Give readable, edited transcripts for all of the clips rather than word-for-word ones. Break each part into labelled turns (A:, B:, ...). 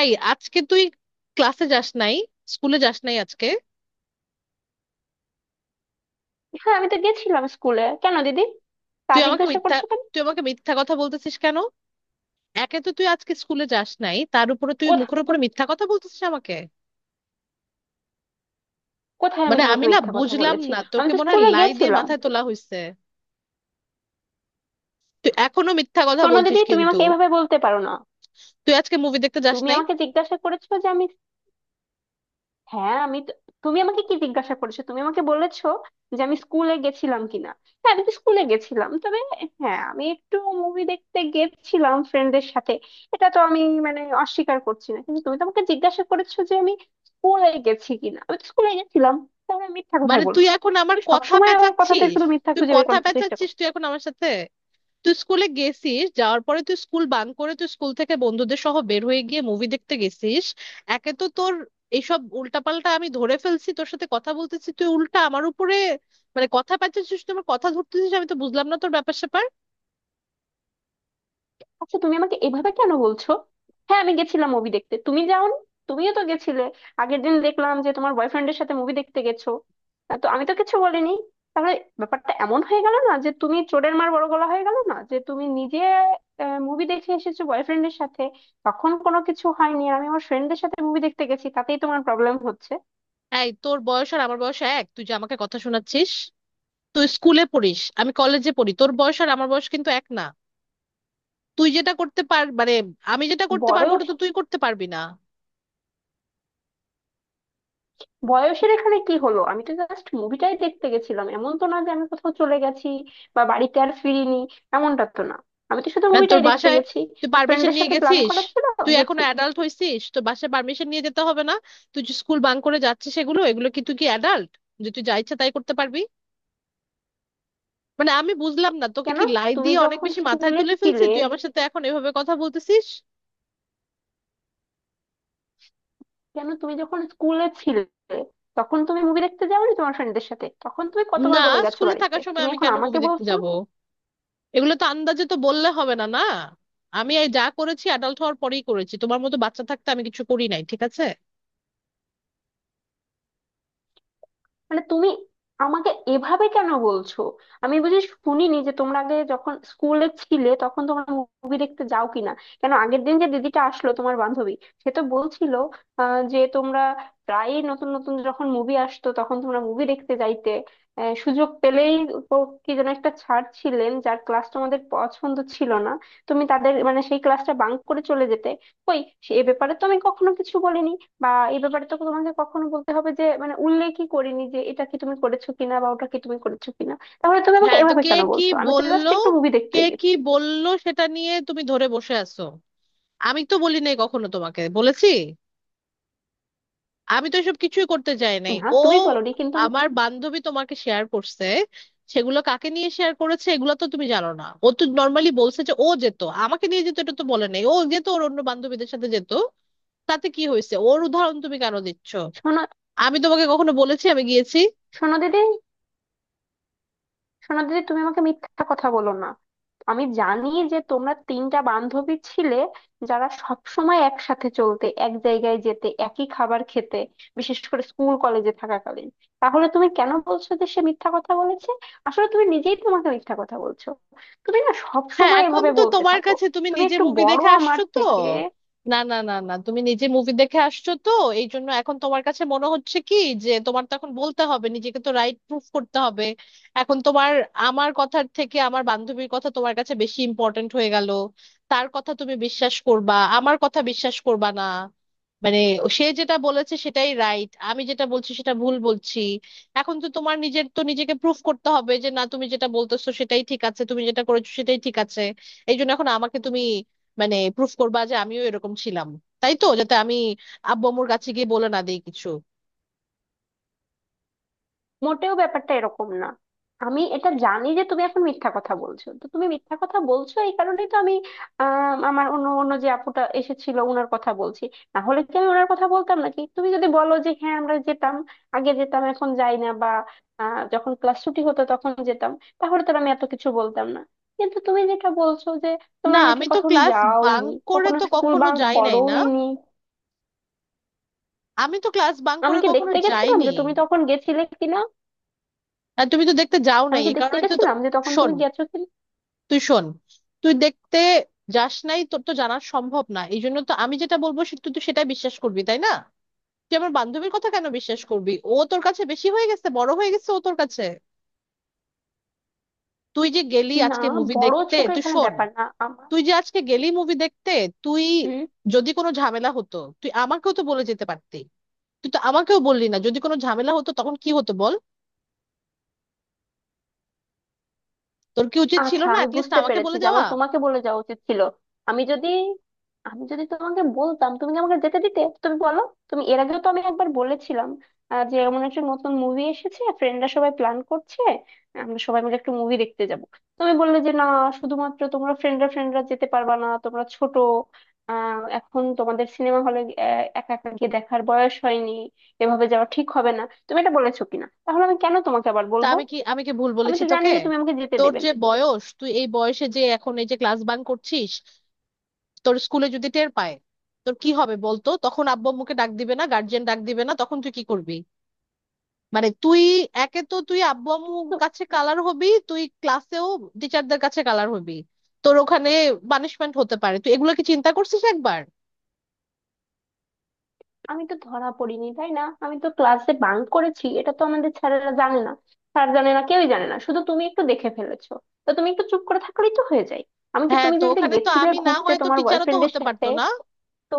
A: এই আজকে তুই ক্লাসে যাস নাই, স্কুলে যাস নাই আজকে?
B: হ্যাঁ, আমি তো গেছিলাম স্কুলে। কেন দিদি, তা
A: তুই আমাকে
B: জিজ্ঞাসা
A: মিথ্যা
B: করছো কেন?
A: তুই আমাকে মিথ্যা কথা বলতেছিস কেন? একে তো তুই আজকে স্কুলে যাস নাই, তার উপরে তুই
B: কোথা-
A: মুখের উপরে মিথ্যা কথা বলতেছিস আমাকে।
B: কোথায় আমি তোমাকে
A: আমি না
B: মিথ্যা কথা
A: বুঝলাম
B: বলেছি?
A: না,
B: আমি
A: তোকে
B: তো
A: মনে হয়
B: স্কুলে
A: লাই দিয়ে
B: গেছিলাম।
A: মাথায় তোলা হয়েছে। তুই এখনো মিথ্যা কথা
B: শোনো
A: বলছিস
B: দিদি, তুমি
A: কিন্তু।
B: আমাকে এভাবে বলতে পারো না।
A: তুই আজকে মুভি দেখতে যাস
B: তুমি
A: নাই?
B: আমাকে জিজ্ঞাসা করেছো যে আমি, হ্যাঁ আমি তো- তুমি আমাকে কি জিজ্ঞাসা করেছো? তুমি আমাকে বলেছো যে আমি স্কুলে গেছিলাম কিনা। হ্যাঁ, আমি তো স্কুলে গেছিলাম, তবে হ্যাঁ, আমি একটু মুভি দেখতে গেছিলাম ফ্রেন্ডদের সাথে। এটা তো আমি অস্বীকার করছি না, কিন্তু তুমি তো আমাকে জিজ্ঞাসা করেছো যে আমি স্কুলে গেছি কিনা। আমি তো স্কুলে গেছিলাম, তাহলে আমি মিথ্যা কথাই
A: তুই
B: বললাম?
A: এখন আমার
B: তুমি
A: কথা
B: সবসময় আমার কথাতে
A: পেঁচাচ্ছিস।
B: শুধু মিথ্যা
A: তুই
B: খুঁজে বের
A: কথা
B: করার চেষ্টা
A: পেঁচাচ্ছিস,
B: করো।
A: তুই এখন আমার সাথে। তুই স্কুলে গেছিস, যাওয়ার পরে তুই স্কুল বাঙ্ক করে, তুই স্কুল থেকে বন্ধুদের সহ বের হয়ে গিয়ে মুভি দেখতে গেছিস। একে তো তোর এইসব উল্টাপাল্টা আমি ধরে ফেলছি, তোর সাথে কথা বলতেছি, তুই উল্টা আমার উপরে কথা পাচ্ছিস, তুই আমার কথা ধরতেছিস। আমি তো বুঝলাম না তোর ব্যাপার স্যাপার।
B: আচ্ছা, তুমি আমাকে এভাবে কেন বলছো? হ্যাঁ, আমি গেছিলাম মুভি দেখতে, তুমি যাওনি? তুমিও তো গেছিলে। আগের দিন দেখলাম যে তোমার বয়ফ্রেন্ডের সাথে মুভি দেখতে গেছো। তো আমি তো কিছু বলিনি। তাহলে ব্যাপারটা এমন হয়ে গেল না যে তুমি চোরের মার বড় গলা হয়ে গেল না, যে তুমি নিজে মুভি দেখে এসেছো বয়ফ্রেন্ডের সাথে, তখন কোনো কিছু হয়নি, আর আমি আমার ফ্রেন্ডদের সাথে মুভি দেখতে গেছি, তাতেই তোমার প্রবলেম হচ্ছে।
A: এই তোর বয়স আর আমার বয়স এক, তুই যে আমাকে কথা শোনাচ্ছিস? তুই স্কুলে পড়িস, আমি কলেজে পড়ি, তোর বয়স আর আমার বয়স কিন্তু এক না। তুই যেটা করতে পার মানে আমি যেটা করতে পারবো ওটা
B: বয়স
A: তো তুই করতে পারবি না।
B: বয়সের এখানে কি হলো? আমি তো জাস্ট মুভিটাই দেখতে গেছিলাম, এমন তো না যে আমি কোথাও চলে গেছি বা বাড়িতে আর ফিরিনি। এমনটা তো না, আমি তো শুধু
A: আর তোর
B: মুভিটাই দেখতে
A: বাসায়
B: গেছি।
A: তুই পারমিশন
B: ফ্রেন্ডের
A: নিয়ে
B: সাথে প্ল্যান
A: গেছিস?
B: করা ছিল,
A: তুই এখনো
B: গেছি।
A: অ্যাডাল্ট হইছিস? তোর বাসায় পারমিশন নিয়ে যেতে হবে না? তুই যে স্কুল বাঙ্ক করে যাচ্ছিস, এগুলো এগুলো কি, তুই কি অ্যাডাল্ট যে তুই যা ইচ্ছা তাই করতে পারবি? আমি বুঝলাম না, তোকে
B: কেন
A: কি লাই
B: তুমি
A: দিয়ে অনেক
B: যখন
A: বেশি মাথায়
B: স্কুলে
A: তুলে ফেলছি,
B: ছিলে
A: তুই আমার সাথে এখন এভাবে কথা বলতেছিস?
B: কেন, তুমি যখন স্কুলে ছিলে তখন তুমি মুভি দেখতে যাওনি তোমার ফ্রেন্ডদের সাথে? তখন তুমি কতবার
A: না,
B: বলে গেছো
A: স্কুলে
B: বাড়িতে,
A: থাকার সময়
B: তুমি
A: আমি
B: এখন
A: কেন
B: আমাকে
A: মুভি দেখতে
B: বলছো?
A: যাব? এগুলো তো আন্দাজে তো বললে হবে না না। আমি এই যা করেছি অ্যাডাল্ট হওয়ার পরেই করেছি, তোমার মতো বাচ্চা থাকতে আমি কিছু করি নাই, ঠিক আছে?
B: মানে তুমি আমাকে এভাবে কেন বলছো? আমি শুনিনি যে তোমরা আগে যখন স্কুলে ছিলে তখন তোমরা মুভি দেখতে যাও কিনা? কেন, আগের দিন যে দিদিটা আসলো তোমার বান্ধবী, সে তো বলছিল যে তোমরা প্রায়ই নতুন নতুন যখন মুভি আসতো তখন তোমরা মুভি দেখতে যাইতে, সুযোগ পেলেই। ও- কি যেন একটা ছাড় ছিলেন যার ক্লাস তোমাদের পছন্দ ছিল না, তুমি তাদের মানে সেই ক্লাসটা বাঙ্ক করে চলে যেতে। কই, সে এ ব্যাপারে তো আমি কখনো কিছু বলিনি বা এই ব্যাপারে তো তোমাকে কখনো বলতে হবে যে মানে উল্লেখই করিনি যে এটা কি তুমি করেছো কিনা বা ওটা কি তুমি করেছো কিনা। তাহলে তুমি আমাকে
A: হ্যাঁ তো
B: এভাবে কেন বলছো? আমি তো জাস্ট
A: বললো
B: একটু মুভি
A: কে
B: দেখতে
A: কি
B: গেছি।
A: বললো সেটা নিয়ে তুমি ধরে বসে আছো। আমি তো বলি নাই কখনো তোমাকে বলেছি, আমি তো এসব কিছুই করতে চাই নাই
B: না,
A: ও।
B: তুমি বলোনি,
A: আমার বান্ধবী তোমাকে শেয়ার করছে সেগুলো কাকে নিয়ে শেয়ার করেছে এগুলো তো তুমি জানো না। ও তো নর্মালি বলছে যে ও যেত আমাকে নিয়ে যেত, এটা তো বলে নাই। ও যেত ওর অন্য বান্ধবীদের সাথে যেত, তাতে কি হয়েছে? ওর উদাহরণ তুমি কেন দিচ্ছ?
B: শোনো,
A: আমি তোমাকে কখনো বলেছি আমি গিয়েছি?
B: শোনো দিদি শোনো দিদি, তুমি আমাকে মিথ্যা কথা বলো না। আমি জানি যে তোমরা তিনটা বান্ধবী ছিলে যারা সব সময় একসাথে চলতে, এক জায়গায় যেতে, একই খাবার খেতে, বিশেষ করে স্কুল কলেজে থাকাকালীন। তাহলে তুমি কেন বলছো যে সে মিথ্যা কথা বলেছে? আসলে তুমি নিজেই তোমাকে মিথ্যা কথা বলছো। তুমি না সব
A: হ্যাঁ,
B: সময়
A: এখন
B: এভাবে
A: তো
B: বলতে
A: তোমার
B: থাকো।
A: কাছে, তুমি
B: তুমি
A: নিজে
B: একটু
A: মুভি
B: বড়
A: দেখে
B: আমার
A: আসছো তো।
B: থেকে।
A: না না না না তুমি নিজে মুভি দেখে আসছো তো, এই জন্য এখন তোমার কাছে মনে হচ্ছে কি যে তোমার তো এখন বলতে হবে, নিজেকে তো রাইট প্রুফ করতে হবে। এখন তোমার আমার কথার থেকে আমার বান্ধবীর কথা তোমার কাছে বেশি ইম্পর্ট্যান্ট হয়ে গেল। তার কথা তুমি বিশ্বাস করবা, আমার কথা বিশ্বাস করবা না। মানে সে যেটা বলেছে সেটাই রাইট, আমি যেটা বলছি সেটা ভুল বলছি। এখন তো তোমার নিজের তো নিজেকে প্রুফ করতে হবে যে না, তুমি যেটা বলতেছো সেটাই ঠিক আছে, তুমি যেটা করেছো সেটাই ঠিক আছে। এই জন্য এখন আমাকে তুমি প্রুফ করবা যে আমিও এরকম ছিলাম, তাই তো, যাতে আমি আব্বু আম্মুর কাছে গিয়ে বলে না দিই কিছু।
B: মোটেও ব্যাপারটা এরকম না। আমি এটা জানি যে তুমি এখন মিথ্যা কথা বলছো, তো তুমি মিথ্যা কথা বলছো এই কারণেই তো আমি আমার অন্য অন্য যে আপুটা এসেছিল, ওনার কথা বলছি। না হলে কি আমি ওনার কথা বলতাম নাকি? তুমি যদি বলো যে হ্যাঁ আমরা যেতাম, আগে যেতাম এখন যাই না, বা যখন ক্লাস ছুটি হতো তখন যেতাম, তাহলে তো আর আমি এত কিছু বলতাম না। কিন্তু তুমি যেটা বলছো যে
A: না
B: তোমরা নাকি
A: আমি তো
B: কখনো
A: ক্লাস বাঙ্ক
B: যাওইনি,
A: করে
B: কখনো
A: তো
B: স্কুল
A: কখনো
B: বাঙ্ক
A: যাই নাই না,
B: করোইনি।
A: আমি তো ক্লাস বাঙ্ক
B: আমি
A: করে
B: কি
A: কখনো
B: দেখতে গেছিলাম
A: যাইনি।
B: যে তুমি তখন গেছিলে কিনা?
A: আর তুমি তো দেখতে যাও
B: আমি
A: নাই,
B: কি
A: এই
B: দেখতে
A: কারণে তো তো-
B: গেছিলাম যে তখন
A: শোন,
B: তুমি গেছো?
A: তুই শোন, তুই দেখতে যাস নাই, তোর তো জানা সম্ভব না। এই জন্য তো আমি যেটা বলবো তুই তো সেটা বিশ্বাস করবি, তাই না? তুই আমার বান্ধবীর কথা কেন বিশ্বাস করবি? ও তোর কাছে বেশি হয়ে গেছে, বড় হয়ে গেছে ও তোর কাছে। তুই যে গেলি
B: না,
A: আজকে মুভি
B: বড়
A: দেখতে,
B: ছোট
A: তুই
B: এখানে
A: শোন,
B: ব্যাপার না আমার।
A: তুই যে আজকে গেলি মুভি দেখতে, তুই
B: হুম।
A: যদি কোনো ঝামেলা হতো তুই আমাকেও তো বলে যেতে পারতি। তুই তো আমাকেও বললি না, যদি কোনো ঝামেলা হতো তখন কি হতো বল? তোর কি উচিত ছিল
B: আচ্ছা,
A: না
B: আমি
A: অ্যাটলিস্ট
B: বুঝতে
A: আমাকে
B: পেরেছি
A: বলে
B: যে
A: যাওয়া?
B: আমার তোমাকে বলে যাওয়া উচিত ছিল। আমি যদি আমি যদি তোমাকে বলতাম তুমি কি আমাকে যেতে দিতে, তুমি বলো? তুমি এর আগেও তো, আমি একবার বলেছিলাম যে এমন একটা নতুন মুভি এসেছে, ফ্রেন্ডরা সবাই প্ল্যান করছে, আমরা সবাই মিলে একটু মুভি দেখতে যাব। তুমি বললে যে না, শুধুমাত্র তোমরা ফ্রেন্ডরা ফ্রেন্ডরা যেতে পারবা না, তোমরা ছোট। আহ, এখন তোমাদের সিনেমা হলে একা একা গিয়ে দেখার বয়স হয়নি, এভাবে যাওয়া ঠিক হবে না। তুমি এটা বলেছো কিনা? তাহলে আমি কেন তোমাকে আবার
A: তা
B: বলবো?
A: আমি কি, ভুল
B: আমি
A: বলেছি
B: তো জানি
A: তোকে?
B: যে তুমি আমাকে যেতে
A: তোর
B: দেবে
A: যে
B: না।
A: বয়স, তুই এই বয়সে যে এখন এই যে ক্লাস বাঙ্ক করছিস, তোর স্কুলে যদি টের পায় তোর কি হবে বলতো? তখন আব্বু আম্মুকে ডাক দিবে না, গার্জিয়ান ডাক দিবে না? তখন তুই কি করবি? মানে তুই একে তো তুই আব্বু আম্মুর কাছে কালার হবি, তুই ক্লাসেও টিচারদের কাছে কালার হবি, তোর ওখানে পানিশমেন্ট হতে পারে। তুই এগুলো কি চিন্তা করছিস একবার?
B: আমি তো ধরা পড়িনি তাই না? আমি তো ক্লাসে বাঙ্ক করেছি, এটা তো আমাদের স্যারেরা জানে না। স্যার জানে না, কেউই জানে না, শুধু তুমি একটু দেখে ফেলেছো। তো তুমি একটু চুপ করে থাকলেই তো হয়ে যায়। আমি কি
A: হ্যাঁ,
B: তুমি
A: তো
B: যে যে
A: ওখানে তো
B: গেছিলে
A: আমি না
B: ঘুরতে
A: হয়, তো
B: তোমার
A: টিচারও তো
B: বয়ফ্রেন্ডের
A: হতে
B: সাথে,
A: পারতো না?
B: তো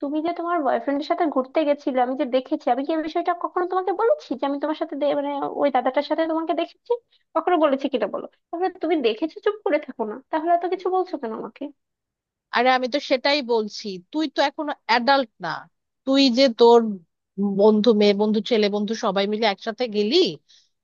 B: তুমি যে তোমার বয়ফ্রেন্ডের সাথে ঘুরতে গেছিলে, আমি যে দেখেছি, আমি কি এই বিষয়টা কখনো তোমাকে বলেছি যে আমি তোমার সাথে দে- মানে ওই দাদাটার সাথে তোমাকে দেখেছি? কখনো বলেছি কিটা বলো? তাহলে তুমি দেখেছো, চুপ করে থাকো না, তাহলে এত কিছু বলছো কেন আমাকে?
A: আরে আমি তো সেটাই বলছি, তুই তো এখনো অ্যাডাল্ট না। তুই যে তোর বন্ধু, মেয়ে বন্ধু, ছেলে বন্ধু সবাই মিলে একসাথে গেলি,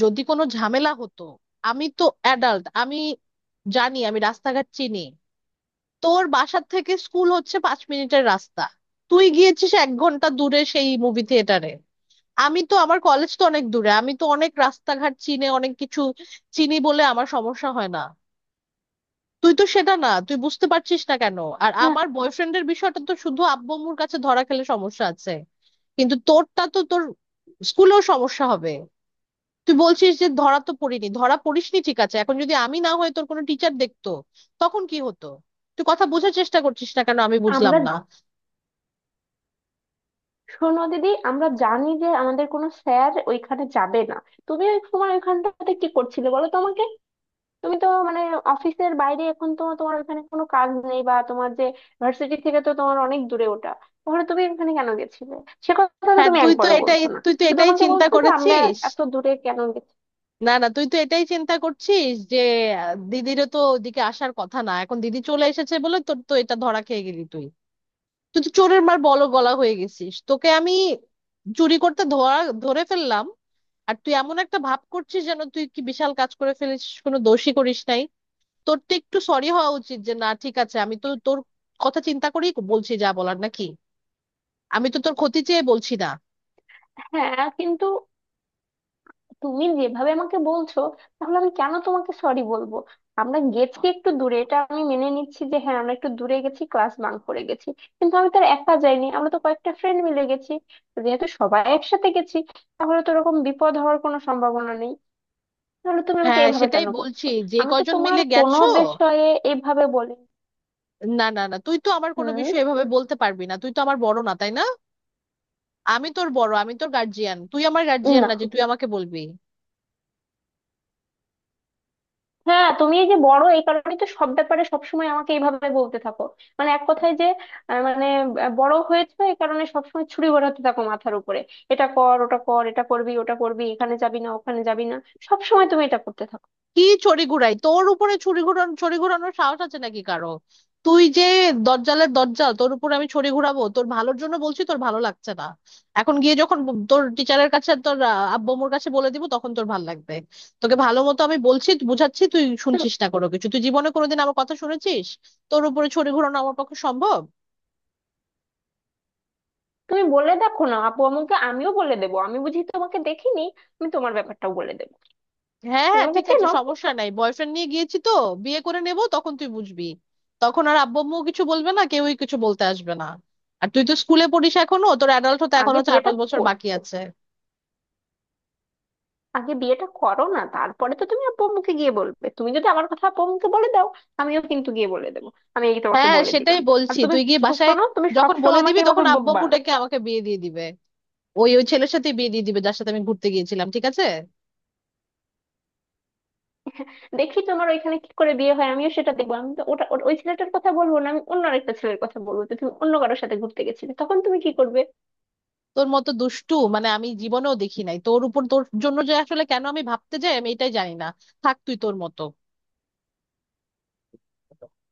A: যদি কোনো ঝামেলা হতো? আমি তো অ্যাডাল্ট, আমি জানি, আমি রাস্তাঘাট চিনি। তোর বাসার থেকে স্কুল হচ্ছে 5 মিনিটের রাস্তা, তুই গিয়েছিস 1 ঘন্টা দূরে সেই মুভি থিয়েটারে। আমি তো, আমার কলেজ তো অনেক দূরে, আমি তো অনেক রাস্তাঘাট চিনে, অনেক কিছু চিনি বলে আমার সমস্যা হয় না। তুই তো সেটা না, তুই বুঝতে পারছিস না কেন? আর
B: হ্যাঁ
A: আমার বয়ফ্রেন্ডের বিষয়টা তো শুধু আব্বু আম্মুর কাছে ধরা খেলে সমস্যা আছে, কিন্তু তোরটা তো তোর স্কুলেও সমস্যা হবে। তুই বলছিস যে ধরা তো পড়িনি, ধরা পড়িসনি ঠিক আছে, এখন যদি আমি না হয়ে তোর কোনো টিচার দেখতো তখন কি হতো? তুই কথা বোঝার চেষ্টা করছিস না কেন, আমি বুঝলাম
B: আমরা
A: না।
B: শোনো দিদি, আমরা জানি যে আমাদের কোনো স্যার ওইখানে যাবে না। তুমি ওই সময় ওইখানটাতে কি করছিলে বলো তো আমাকে? তুমি তো মানে অফিসের বাইরে এখন তো তোমার ওখানে কোনো কাজ নেই, বা তোমার যে ভার্সিটি, থেকে তো তোমার অনেক দূরে ওটা। তাহলে তুমি ওখানে কেন গেছিলে? সে কথা তো
A: হ্যাঁ
B: তুমি
A: তুই তো
B: একবারও
A: এটাই
B: বলছো না,
A: তুই তো
B: শুধু
A: এটাই
B: আমাকে
A: চিন্তা
B: বলছো যে আমরা
A: করেছিস।
B: এত দূরে কেন গেছি।
A: না না তুই তো এটাই চিন্তা করছিস যে দিদিরও তো ওদিকে আসার কথা না, এখন দিদি চলে এসেছে বলে তোর তো এটা ধরা খেয়ে গেলি তুই। তুই তো চোরের মার বল গলা হয়ে গেছিস, তোকে আমি চুরি করতে ধরা ধরে ফেললাম, আর তুই এমন একটা ভাব করছিস যেন তুই কি বিশাল কাজ করে ফেলিস, কোনো দোষই করিস নাই। তোর তো একটু সরি হওয়া উচিত যে না ঠিক আছে, আমি তো তোর কথা চিন্তা করেই বলছি যা বলার, নাকি? আমি তো তোর ক্ষতি চেয়ে বলছি না।
B: হ্যাঁ, কিন্তু তুমি যেভাবে আমাকে বলছো, তাহলে আমি কেন তোমাকে সরি বলবো? আমরা গেছি একটু দূরে, এটা আমি মেনে নিচ্ছি যে হ্যাঁ আমরা একটু দূরে গেছি, ক্লাস বাঙ্ক করে গেছি। কিন্তু আমি তো আর একা যাইনি, আমরা তো কয়েকটা ফ্রেন্ড মিলে গেছি। যেহেতু সবাই একসাথে গেছি, তাহলে তো এরকম বিপদ হওয়ার কোনো সম্ভাবনা নেই। তাহলে তুমি আমাকে
A: হ্যাঁ
B: এভাবে
A: সেটাই
B: কেন বকছো?
A: বলছি, যে
B: আমি তো
A: কয়জন
B: তোমার
A: মিলে
B: কোনো
A: গেছো?
B: বিষয়ে এভাবে বলি?
A: না না না তুই তো আমার কোনো
B: হুম।
A: বিষয় এভাবে বলতে পারবি না, তুই তো আমার বড় না, তাই না? আমি তোর বড়, আমি তোর গার্জিয়ান, তুই আমার গার্জিয়ান
B: না।
A: না যে তুই আমাকে বলবি।
B: হ্যাঁ, তুমি এই যে বড়, এই কারণে তো সব ব্যাপারে সবসময় আমাকে এইভাবে বলতে থাকো। মানে এক কথায় যে আহ, মানে আহ, বড় হয়েছে এই কারণে সবসময় ছুরি ঘোরাতে থাকো মাথার উপরে। এটা কর, ওটা কর, এটা করবি, ওটা করবি, এখানে যাবি না, ওখানে যাবি না, সবসময় তুমি এটা করতে থাকো।
A: কি ছড়ি ঘুরাই তোর উপরে? ছুরি ঘুরানো, ছড়ি ঘুরানোর সাহস আছে নাকি কারো? তুই যে দজ্জালের দজ্জাল, তোর উপরে আমি ছড়ি ঘুরাবো? তোর ভালোর জন্য বলছি, তোর ভালো লাগছে না। এখন গিয়ে যখন তোর টিচারের কাছে, তোর আব্বু আম্মুর কাছে বলে দিব তখন তোর ভালো লাগবে। তোকে ভালো মতো আমি বলছি বুঝাচ্ছি, তুই
B: তো
A: শুনছিস না কোনো কিছু। তুই জীবনে কোনোদিন আমার কথা শুনেছিস? তোর উপরে ছড়ি ঘুরানো আমার পক্ষে সম্ভব।
B: তুমি বলে দেখো না আপু আমাকে, আমিও বলে দেবো। আমি বুঝি, তোমাকে দেখিনি? আমি তোমার ব্যাপারটাও বলে দেবো,
A: হ্যাঁ
B: তুমি
A: হ্যাঁ
B: আমাকে
A: ঠিক আছে,
B: চেনো।
A: সমস্যা নাই, বয়ফ্রেন্ড নিয়ে গিয়েছি তো, বিয়ে করে নেব, তখন তুই বুঝবি। তখন আর আব্বু আম্মুও কিছু বলবে না, কেউই কিছু বলতে আসবে না। আর তুই তো স্কুলে পড়িস এখনো, তোর অ্যাডাল্ট হতে
B: আগে
A: এখনো চার
B: বিয়েটা
A: পাঁচ বছর
B: করো
A: বাকি আছে।
B: আগে বিয়েটা করো না, তারপরে তো তুমি আব্বু আম্মুকে গিয়ে বলবে। তুমি যদি আমার কথা আব্বু আম্মুকে বলে দাও, আমিও কিন্তু গিয়ে বলে দেবো। আমি এই তোমাকে
A: হ্যাঁ
B: বলে
A: সেটাই
B: দিলাম। আর
A: বলছি,
B: তুমি,
A: তুই গিয়ে বাসায়
B: শোনো, তুমি
A: যখন বলে
B: সবসময় আমাকে
A: দিবি তখন
B: এভাবে
A: আব্বু
B: বকবা
A: আম্মু
B: না।
A: ডেকে আমাকে বিয়ে দিয়ে দিবে, ওই ওই ছেলের সাথে বিয়ে দিয়ে দিবে যার সাথে আমি ঘুরতে গিয়েছিলাম, ঠিক আছে?
B: দেখি তোমার ওইখানে কি করে বিয়ে হয়, আমিও সেটা দেখবো। আমি তো ওটা ওটা- ওই ছেলেটার কথা বলবো না, আমি অন্য একটা ছেলের কথা বলবো যে তুমি অন্য কারোর সাথে ঘুরতে গেছিলে, তখন তুমি কি করবে?
A: তোর মতো দুষ্টু আমি জীবনেও দেখি নাই। তোর উপর, তোর জন্য যে আসলে কেন আমি ভাবতে যাই আমি এটাই জানি না। থাক তুই তোর মতো।